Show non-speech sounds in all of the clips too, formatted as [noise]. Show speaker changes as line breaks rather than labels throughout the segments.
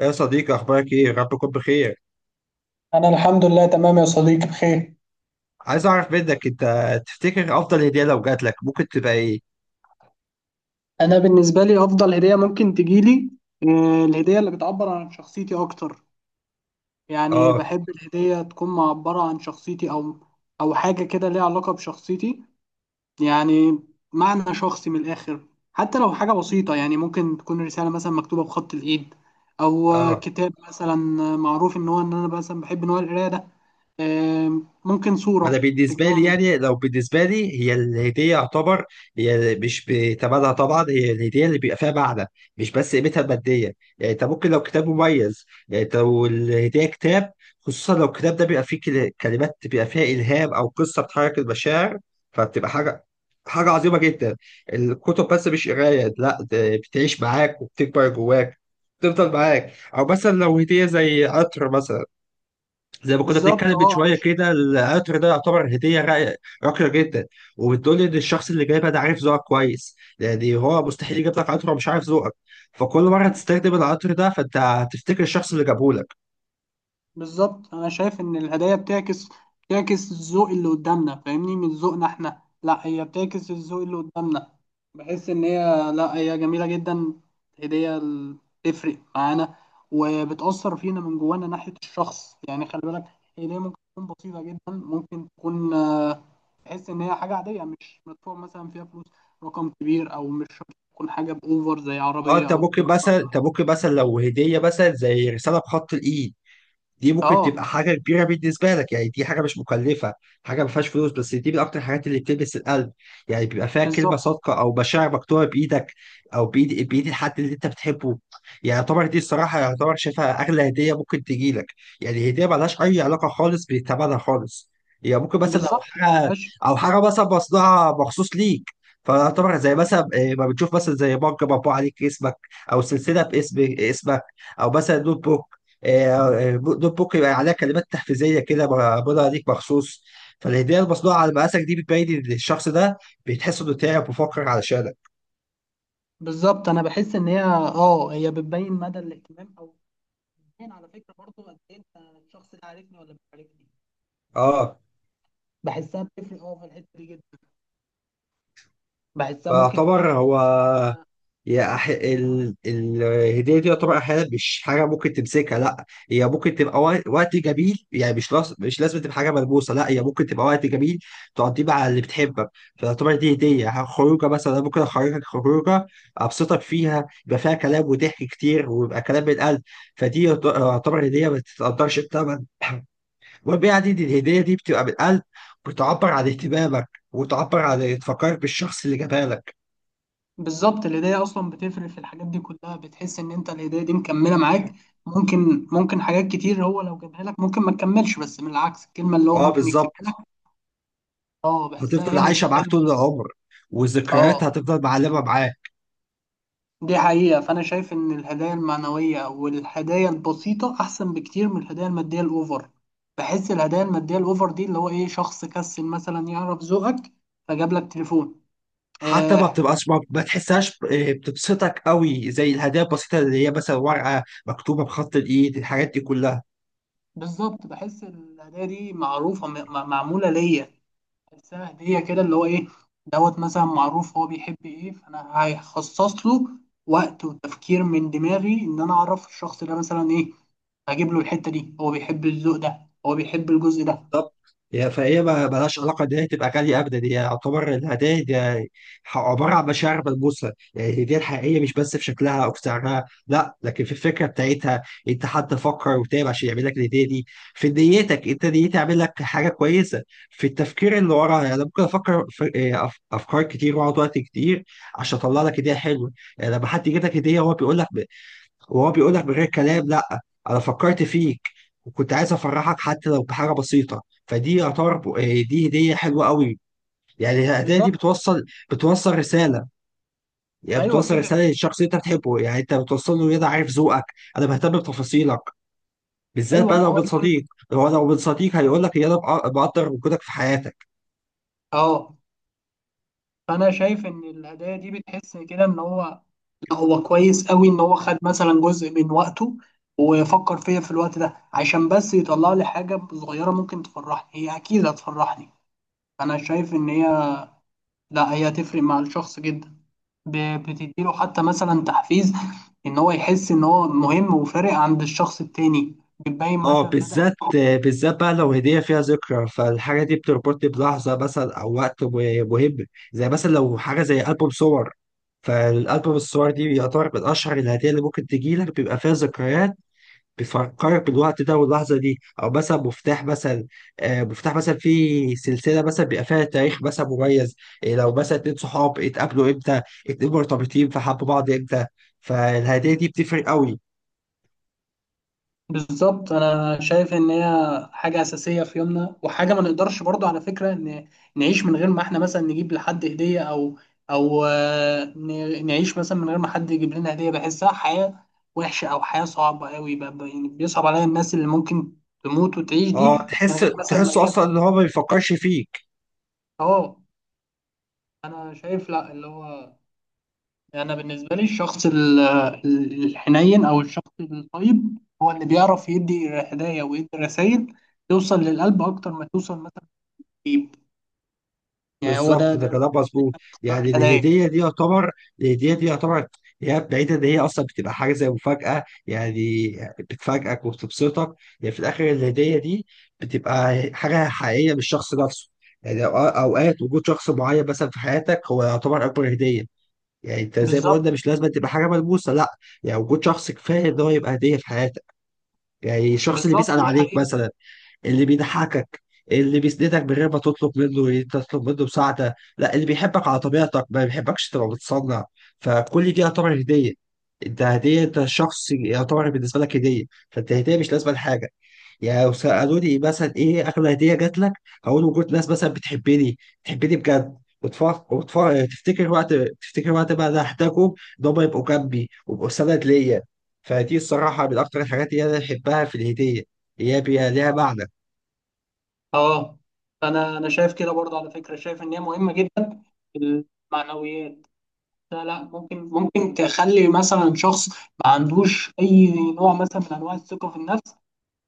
يا صديقي، اخبارك ايه؟ رب يكون بخير.
انا الحمد لله تمام يا صديقي، بخير.
عايز اعرف منك انت، تفتكر افضل هديه لو جات لك ممكن تبقى ايه؟
انا بالنسبه لي افضل هديه ممكن تجيلي، الهديه اللي بتعبر عن شخصيتي اكتر. يعني
اه.
بحب الهديه تكون معبره عن شخصيتي او حاجه كده ليها علاقه بشخصيتي، يعني معنى شخصي من الاخر. حتى لو حاجه بسيطه، يعني ممكن تكون رساله مثلا مكتوبه بخط الايد او
اه،
كتاب مثلا. معروف ان انا مثلا بحب نوع القرايه ده. ممكن
انا
صوره
بالنسبه لي،
تجمعني.
يعني لو بالنسبه لي هي الهديه يعتبر هي مش بثمنها طبعا، هي الهديه اللي بيبقى فيها معنى، مش بس قيمتها الماديه. يعني انت ممكن لو كتاب مميز، يعني انت لو الهديه كتاب، خصوصا لو الكتاب ده بيبقى فيه كلمات بيبقى فيها الهام او قصه بتحرك المشاعر، فبتبقى حاجه، حاجه عظيمه جدا. الكتب بس مش قرايه، لا ده بتعيش معاك وبتكبر جواك، بتفضل معاك. او مثلا لو هديه زي عطر مثلا، زي ما كنا
بالظبط.
بنتكلم من
اه انا
شويه كده، القطر ده يعتبر هديه راقيه جدا، وبتقول لي ان الشخص اللي جايبها ده عارف ذوقك كويس. يعني هو مستحيل يجيب لك قطر ومش عارف ذوقك، فكل مره تستخدم القطر ده فانت هتفتكر الشخص اللي جابه لك.
بالظبط انا شايف ان الهدايا بتعكس الذوق اللي قدامنا، فاهمني، من ذوقنا احنا؟ لا، هي بتعكس الذوق اللي قدامنا. بحس ان هي، لا، هي جميله جدا. هديه تفرق معانا وبتاثر فينا من جوانا ناحيه الشخص، يعني خلي بالك. هديه ممكن تكون بسيطه جدا، ممكن تكون تحس ان هي حاجه عاديه، مش مدفوع مثلا فيها فلوس رقم كبير، او مش شرط تكون حاجه باوفر زي
اه،
عربيه
انت
او
ممكن
تليفون.
مثلا، انت ممكن مثلا لو هديه مثلا زي رساله بخط الايد، دي ممكن
اه،
تبقى حاجة كبيرة بالنسبة لك. يعني دي حاجة مش مكلفة، حاجة ما فيهاش فلوس، بس دي من أكتر الحاجات اللي بتلمس القلب. يعني بيبقى فيها كلمة
بالظبط.
صادقة أو مشاعر مكتوبة بإيدك، أو بإيد الحد اللي أنت بتحبه. يعني يعتبر دي الصراحة، يعتبر شايفها أغلى هدية ممكن تجيلك. يعني هدية ملهاش أي علاقة خالص بثمنها خالص. هي يعني ممكن مثلا لو
بالظبط
حاجة،
ملهاش.
أو حاجة مثلا مصنوعة مخصوص ليك، فيعتبر زي مثلا ما بتشوف مثلا زي مج مطبوع عليك اسمك، أو سلسلة باسم اسمك، أو مثلا نوت بوك. آه، دوبوك يبقى عليها كلمات تحفيزيه كده بقولها ليك مخصوص. فالهديه المصنوعه على مقاسك دي بتبين إن الشخص ده بيتحس انه تعب وفكر علشانك.
بالظبط انا بحس ان هي، هي بتبين مدى الاهتمام، او بتبين على فكره برضو قد ايه انت، الشخص ده عارفني ولا مش عارفني.
اه.
بحسها بتفرق، في الحته دي جدا. بحسها ممكن
فاعتبر
تبين.
هو، الهدية دي يعتبر أحيانا مش حاجة ممكن تمسكها، لا هي ممكن تبقى وقت جميل. يعني مش لازم تبقى حاجة ملموسة، لا هي ممكن تبقى وقت جميل تقضيه مع اللي بتحبك. فتعتبر دي هدية. يعني خروجة مثلا، ممكن أخرجك خروجة أبسطك فيها، يبقى فيها كلام وضحك كتير ويبقى كلام من قلب. فدي يعتبر هدية ما تتقدرش بثمن. المهم يعني إن [clears throat] الهدية دي بتبقى من قلب، بتعبر عن اهتمامك وتعبر عن تفكرك بالشخص اللي جابها لك.
بالظبط. الهدايا اصلا بتفرق في الحاجات دي كلها، بتحس ان انت الهدايا دي مكمله معاك. ممكن حاجات كتير هو لو جابها لك ممكن ما تكملش، بس من العكس الكلمه اللي هو
اه
ممكن يكتبها لك.
بالظبط.
اه، بحسها
هتفضل
هي اللي
عايشه معاك
بتكمل.
طول العمر، والذكريات
اه،
هتفضل معلمه معاك.
دي حقيقة. فأنا شايف إن الهدايا المعنوية أو الهدايا البسيطة أحسن بكتير من الهدايا المادية الأوفر. بحس الهدايا المادية الأوفر دي اللي هو إيه، شخص كسل مثلا يعرف ذوقك فجاب لك تليفون.
حتى ما
آه،
بتبقاش، ما تحسهاش، بتبسطك قوي زي الهدايا البسيطه اللي هي مثلا ورقه مكتوبه بخط الايد، الحاجات دي كلها
بالظبط. بحس الهدايا دي معروفة، معمولة ليا. بحسها هدية كده اللي هو إيه، دوت مثلا، معروف هو بيحب إيه، فأنا هخصص له وقت وتفكير من دماغي إن أنا أعرف الشخص ده مثلا إيه، هجيب له الحتة دي، هو بيحب الذوق ده، هو بيحب الجزء ده.
بالظبط. فهي ما ملهاش علاقه ان هي تبقى غاليه ابدا، هي يعتبر الهدايا دي عباره عن مشاعر ملموسه. يعني الهديه الحقيقيه مش بس في شكلها او في سعرها، لا لكن في الفكره بتاعتها. انت حد فكر وتعب عشان يعمل لك الهديه دي، في نيتك، انت نيتي عامل لك حاجه كويسه، في التفكير اللي وراها. يعني أنا ممكن افكر في افكار كتير واقعد وقت كتير عشان اطلع لك هديه حلوه. يعني لما حد يجيب لك هديه هو بيقول لك، وهو بيقول لك من غير كلام، لا انا فكرت فيك وكنت عايز افرحك حتى لو بحاجه بسيطه. فدي يعتبر، دي هديه حلوه قوي. يعني الهديه دي
بالظبط.
بتوصل، بتوصل رساله. يعني
ايوه،
بتوصل
فكره.
رساله للشخص اللي انت بتحبه، يعني انت بتوصل له إن انا عارف ذوقك، انا بهتم بتفاصيلك. بالذات
ايوه،
بقى
ان
لو
هو
من
يكون.
صديق، هو لو من صديق هيقول لك ان انا بقدر وجودك في حياتك.
اه، فانا شايف ان الهدايا دي بتحس كده ان هو، لا، هو كويس قوي ان هو خد مثلا جزء من وقته وفكر فيا في الوقت ده عشان بس يطلع لي حاجه صغيره ممكن تفرحني، هي اكيد هتفرحني. انا شايف ان هي، لا، هي هتفرق مع الشخص جدا. بتديله حتى مثلا تحفيز، ان هو يحس ان هو مهم وفارق عند الشخص التاني، بتبين
اه
مثلا مدى.
بالذات، بالذات بقى لو هدية فيها ذكرى، فالحاجة دي بتربطني بلحظة مثلا أو وقت مهم. زي مثلا لو حاجة زي ألبوم صور، فالألبوم الصور دي يعتبر من أشهر الهدية اللي ممكن تجيلك، بيبقى فيها ذكريات بتفكرك بالوقت ده واللحظة دي. أو مثلا مفتاح مثلا، مفتاح مثلا في سلسلة مثلا بيبقى فيها تاريخ مثلا مميز. إيه لو مثلا اتنين صحاب اتقابلوا إمتى، اتنين مرتبطين فحبوا بعض إمتى، فالهدية دي بتفرق قوي.
بالظبط. انا شايف ان هي حاجه اساسيه في يومنا، وحاجه ما نقدرش برضو على فكره ان نعيش من غير ما احنا مثلا نجيب لحد هديه، او نعيش مثلا من غير ما حد يجيب لنا هديه. بحسها حياه وحشه او حياه صعبه قوي. يعني بيصعب عليا الناس اللي ممكن تموت وتعيش دي
اه
من
تحس،
غير مثلا ما
تحسه
يجيب.
اصلا ان هو ما بيفكرش فيك.
اه، انا شايف، لا اللي هو، يعني أنا بالنسبة لي الشخص الحنين أو الشخص الطيب هو اللي بيعرف يدي هدايا ويدي رسائل توصل للقلب أكتر ما توصل مثلا للجيب. يعني هو ده
بالظبط، ده كلام مظبوط.
اختيار
يعني
الهدايا.
الهديه دي يعتبر، الهديه دي يعتبر هي بعيدة إن هي أصلا بتبقى حاجة زي مفاجأة، يعني بتفاجئك وبتبسطك. يعني في الآخر الهدية دي بتبقى حاجة حقيقية من الشخص نفسه. يعني أوقات وجود شخص معين مثلا في حياتك هو يعتبر أكبر هدية. يعني أنت زي ما قلنا
بالظبط.
مش لازم تبقى حاجة ملموسة لأ. يعني وجود شخص كفاية إن هو يبقى هدية في حياتك. يعني الشخص اللي بيسأل
بالظبط، دي
عليك
حقيقة.
مثلا، اللي بيضحكك، اللي بيسندك من غير ما تطلب منه مساعدة، لا اللي بيحبك على طبيعتك ما بيحبكش تبقى متصنع. فكل دي يعتبر هدية. انت هدية، انت شخص يعتبر بالنسبة لك هدية، فانت هدية مش لازمة لحاجة. يعني لو سألوني مثلا ايه أغلى هدية جات لك، هقول وجود ناس مثلا بتحبني، بتحبني بجد وتفكر وتفكر تفتكر وقت تفتكر وقت ما انا احتاجهم، ان هم يبقوا جنبي ويبقوا سند ليا. فدي الصراحة من أكتر الحاجات اللي أنا بحبها في الهدية، هي ليها معنى.
أه، أنا شايف كده برضه على فكرة، شايف إن هي مهمة جدا، المعنويات. لا لا، ممكن تخلي مثلا شخص ما عندوش أي نوع مثلا من أنواع الثقة في النفس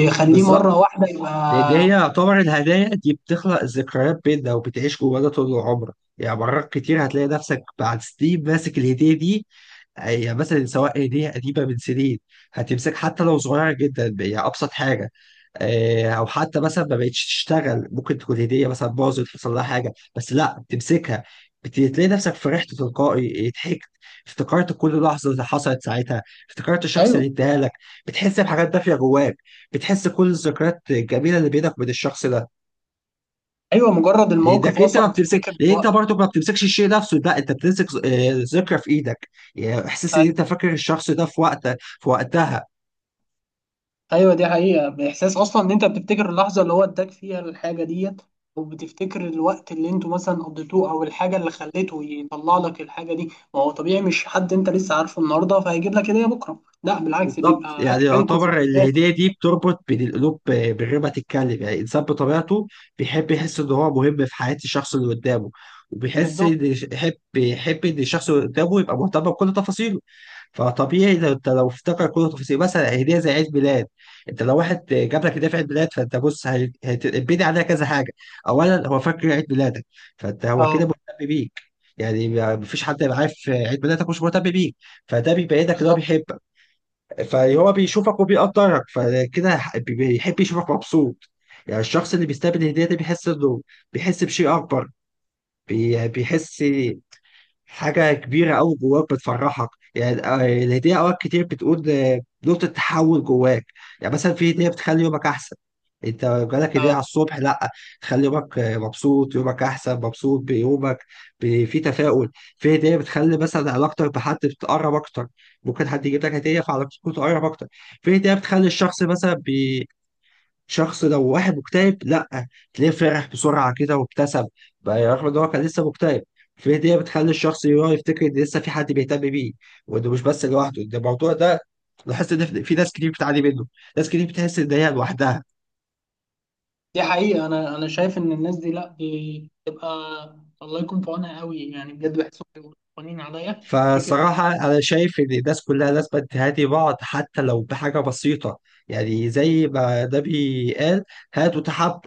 يخليه
بالظبط.
مرة واحدة
لان هي
يبقى.
يعتبر الهدايا دي بتخلق ذكريات بيننا وبتعيش جوانا طول عمرك. يعني مرات كتير هتلاقي نفسك بعد سنين ماسك الهدية دي، هي مثلا سواء هدية قديمة من سنين، هتمسك حتى لو صغيرة جدا، هي أبسط حاجة، أو حتى مثلا ما بقتش تشتغل، ممكن تكون هدية مثلا باظت، حصل لها حاجة، بس لا بتمسكها. تلاقي نفسك فرحت تلقائي، ضحكت، افتكرت كل لحظة اللي حصلت ساعتها، افتكرت الشخص
ايوه.
اللي اداها لك. بتحس بحاجات دافية جواك، بتحس كل الذكريات الجميلة اللي بينك وبين الشخص ده.
ايوه، مجرد الموقف
ايدك انت ما
اصلا
بتمسك،
وتفتكر
لان انت
الوقت.
برضو ما بتمسكش الشيء نفسه، لا انت بتمسك ذكرى في ايدك. يعني احساس ان انت
أي-
فاكر الشخص ده في وقت، في وقتها.
ايوه، دي حقيقه، باحساس اصلا ان انت بتفتكر اللحظه اللي هو اداك فيها الحاجه ديت، وبتفتكر الوقت اللي انتوا مثلا قضيتوه او الحاجه اللي خليته يطلع لك الحاجه دي. ما هو طبيعي، مش حد انت لسه عارفه النهارده فهيجيب لك هديه بكره، لا بالعكس
بالظبط.
بيبقى عايش
يعني
بينكوا
يعتبر
ذكريات.
الهديه دي بتربط بين القلوب بالربا تتكلم. يعني الانسان بطبيعته بيحب يحس ان هو مهم في حياه الشخص اللي قدامه، وبيحس
بالظبط.
ان، يحب ان الشخص اللي قدامه يبقى مهتم بكل تفاصيله. فطبيعي لو انت لو افتكر كل تفاصيل مثلا هديه زي عيد ميلاد، انت لو واحد جاب لك هديه في عيد ميلاد، فانت بص، هيتبني عليها كذا حاجه. اولا هو فاكر عيد ميلادك، فانت هو
اه،
كده مهتم بيك. يعني مفيش حد يبقى عارف عيد ميلادك مش مهتم بيك، فده بيبينك ان هو
بالظبط.
بيحبك. فهو بيشوفك وبيقدرك، فكده بيحب يشوفك مبسوط. يعني الشخص اللي بيستقبل الهديه ده بيحس انه، بيحس بشيء اكبر، بيحس حاجة كبيرة أوي جواك بتفرحك. يعني الهدية أوقات كتير بتقول، نقطة تحول جواك. يعني مثلا في هدية بتخلي يومك أحسن. أنت جالك هدية
اه،
على الصبح، لأ تخلي يومك، مبسوط يومك أحسن، مبسوط بيومك، في تفاؤل. في هدية بتخلي مثلا علاقتك بحد بتقرب أكتر، ممكن حد يجيب لك هدية فعلاقتكم تقرب أكتر. في هدية بتخلي الشخص مثلا، شخص لو واحد مكتئب، لا تلاقيه فرح بسرعه كده وابتسم بقى رغم ان هو كان لسه مكتئب. في هديه بتخلي الشخص يراه يفتكر ان لسه في حد بيهتم بيه، وانه مش بس لوحده. ده الموضوع ده لاحظت ان في ناس كتير بتعاني منه، ناس كتير بتحس ان هي لوحدها.
دي حقيقه. انا شايف ان الناس دي، لا، بتبقى الله يكون في عونها قوي، يعني بجد بحسهم بيبقوا قوانين عليا، فكره.
فالصراحه انا شايف ان الناس كلها لازم تهادي بعض حتى لو بحاجه بسيطه، يعني زي ما النبي قال هاتوا تحابوا.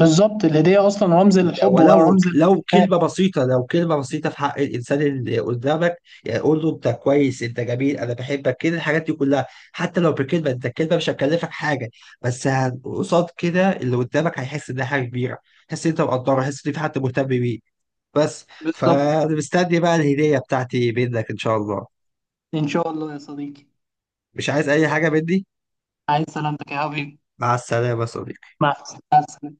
بالظبط. الهدية أصلا رمز الحب
ولو
ورمز
لو
الوفاء.
كلمة بسيطة، لو كلمة بسيطة في حق الإنسان اللي قدامك، يعني قول له أنت كويس، أنت جميل، أنا بحبك، كده الحاجات دي كلها، حتى لو بكلمة. أنت الكلمة مش هتكلفك حاجة، بس قصاد كده اللي قدامك هيحس إنها حاجة كبيرة، هيحس إن أنت مقدره، هيحس إن في حد مهتم بيه، بس.
بالظبط.
فأنا مستني بقى الهدية بتاعتي منك إن شاء الله.
إن شاء الله يا صديقي.
مش عايز أي حاجة مني.
عايز سلامتك يا حبيبي.
مع السلامة يا صديقي.
مع السلامة.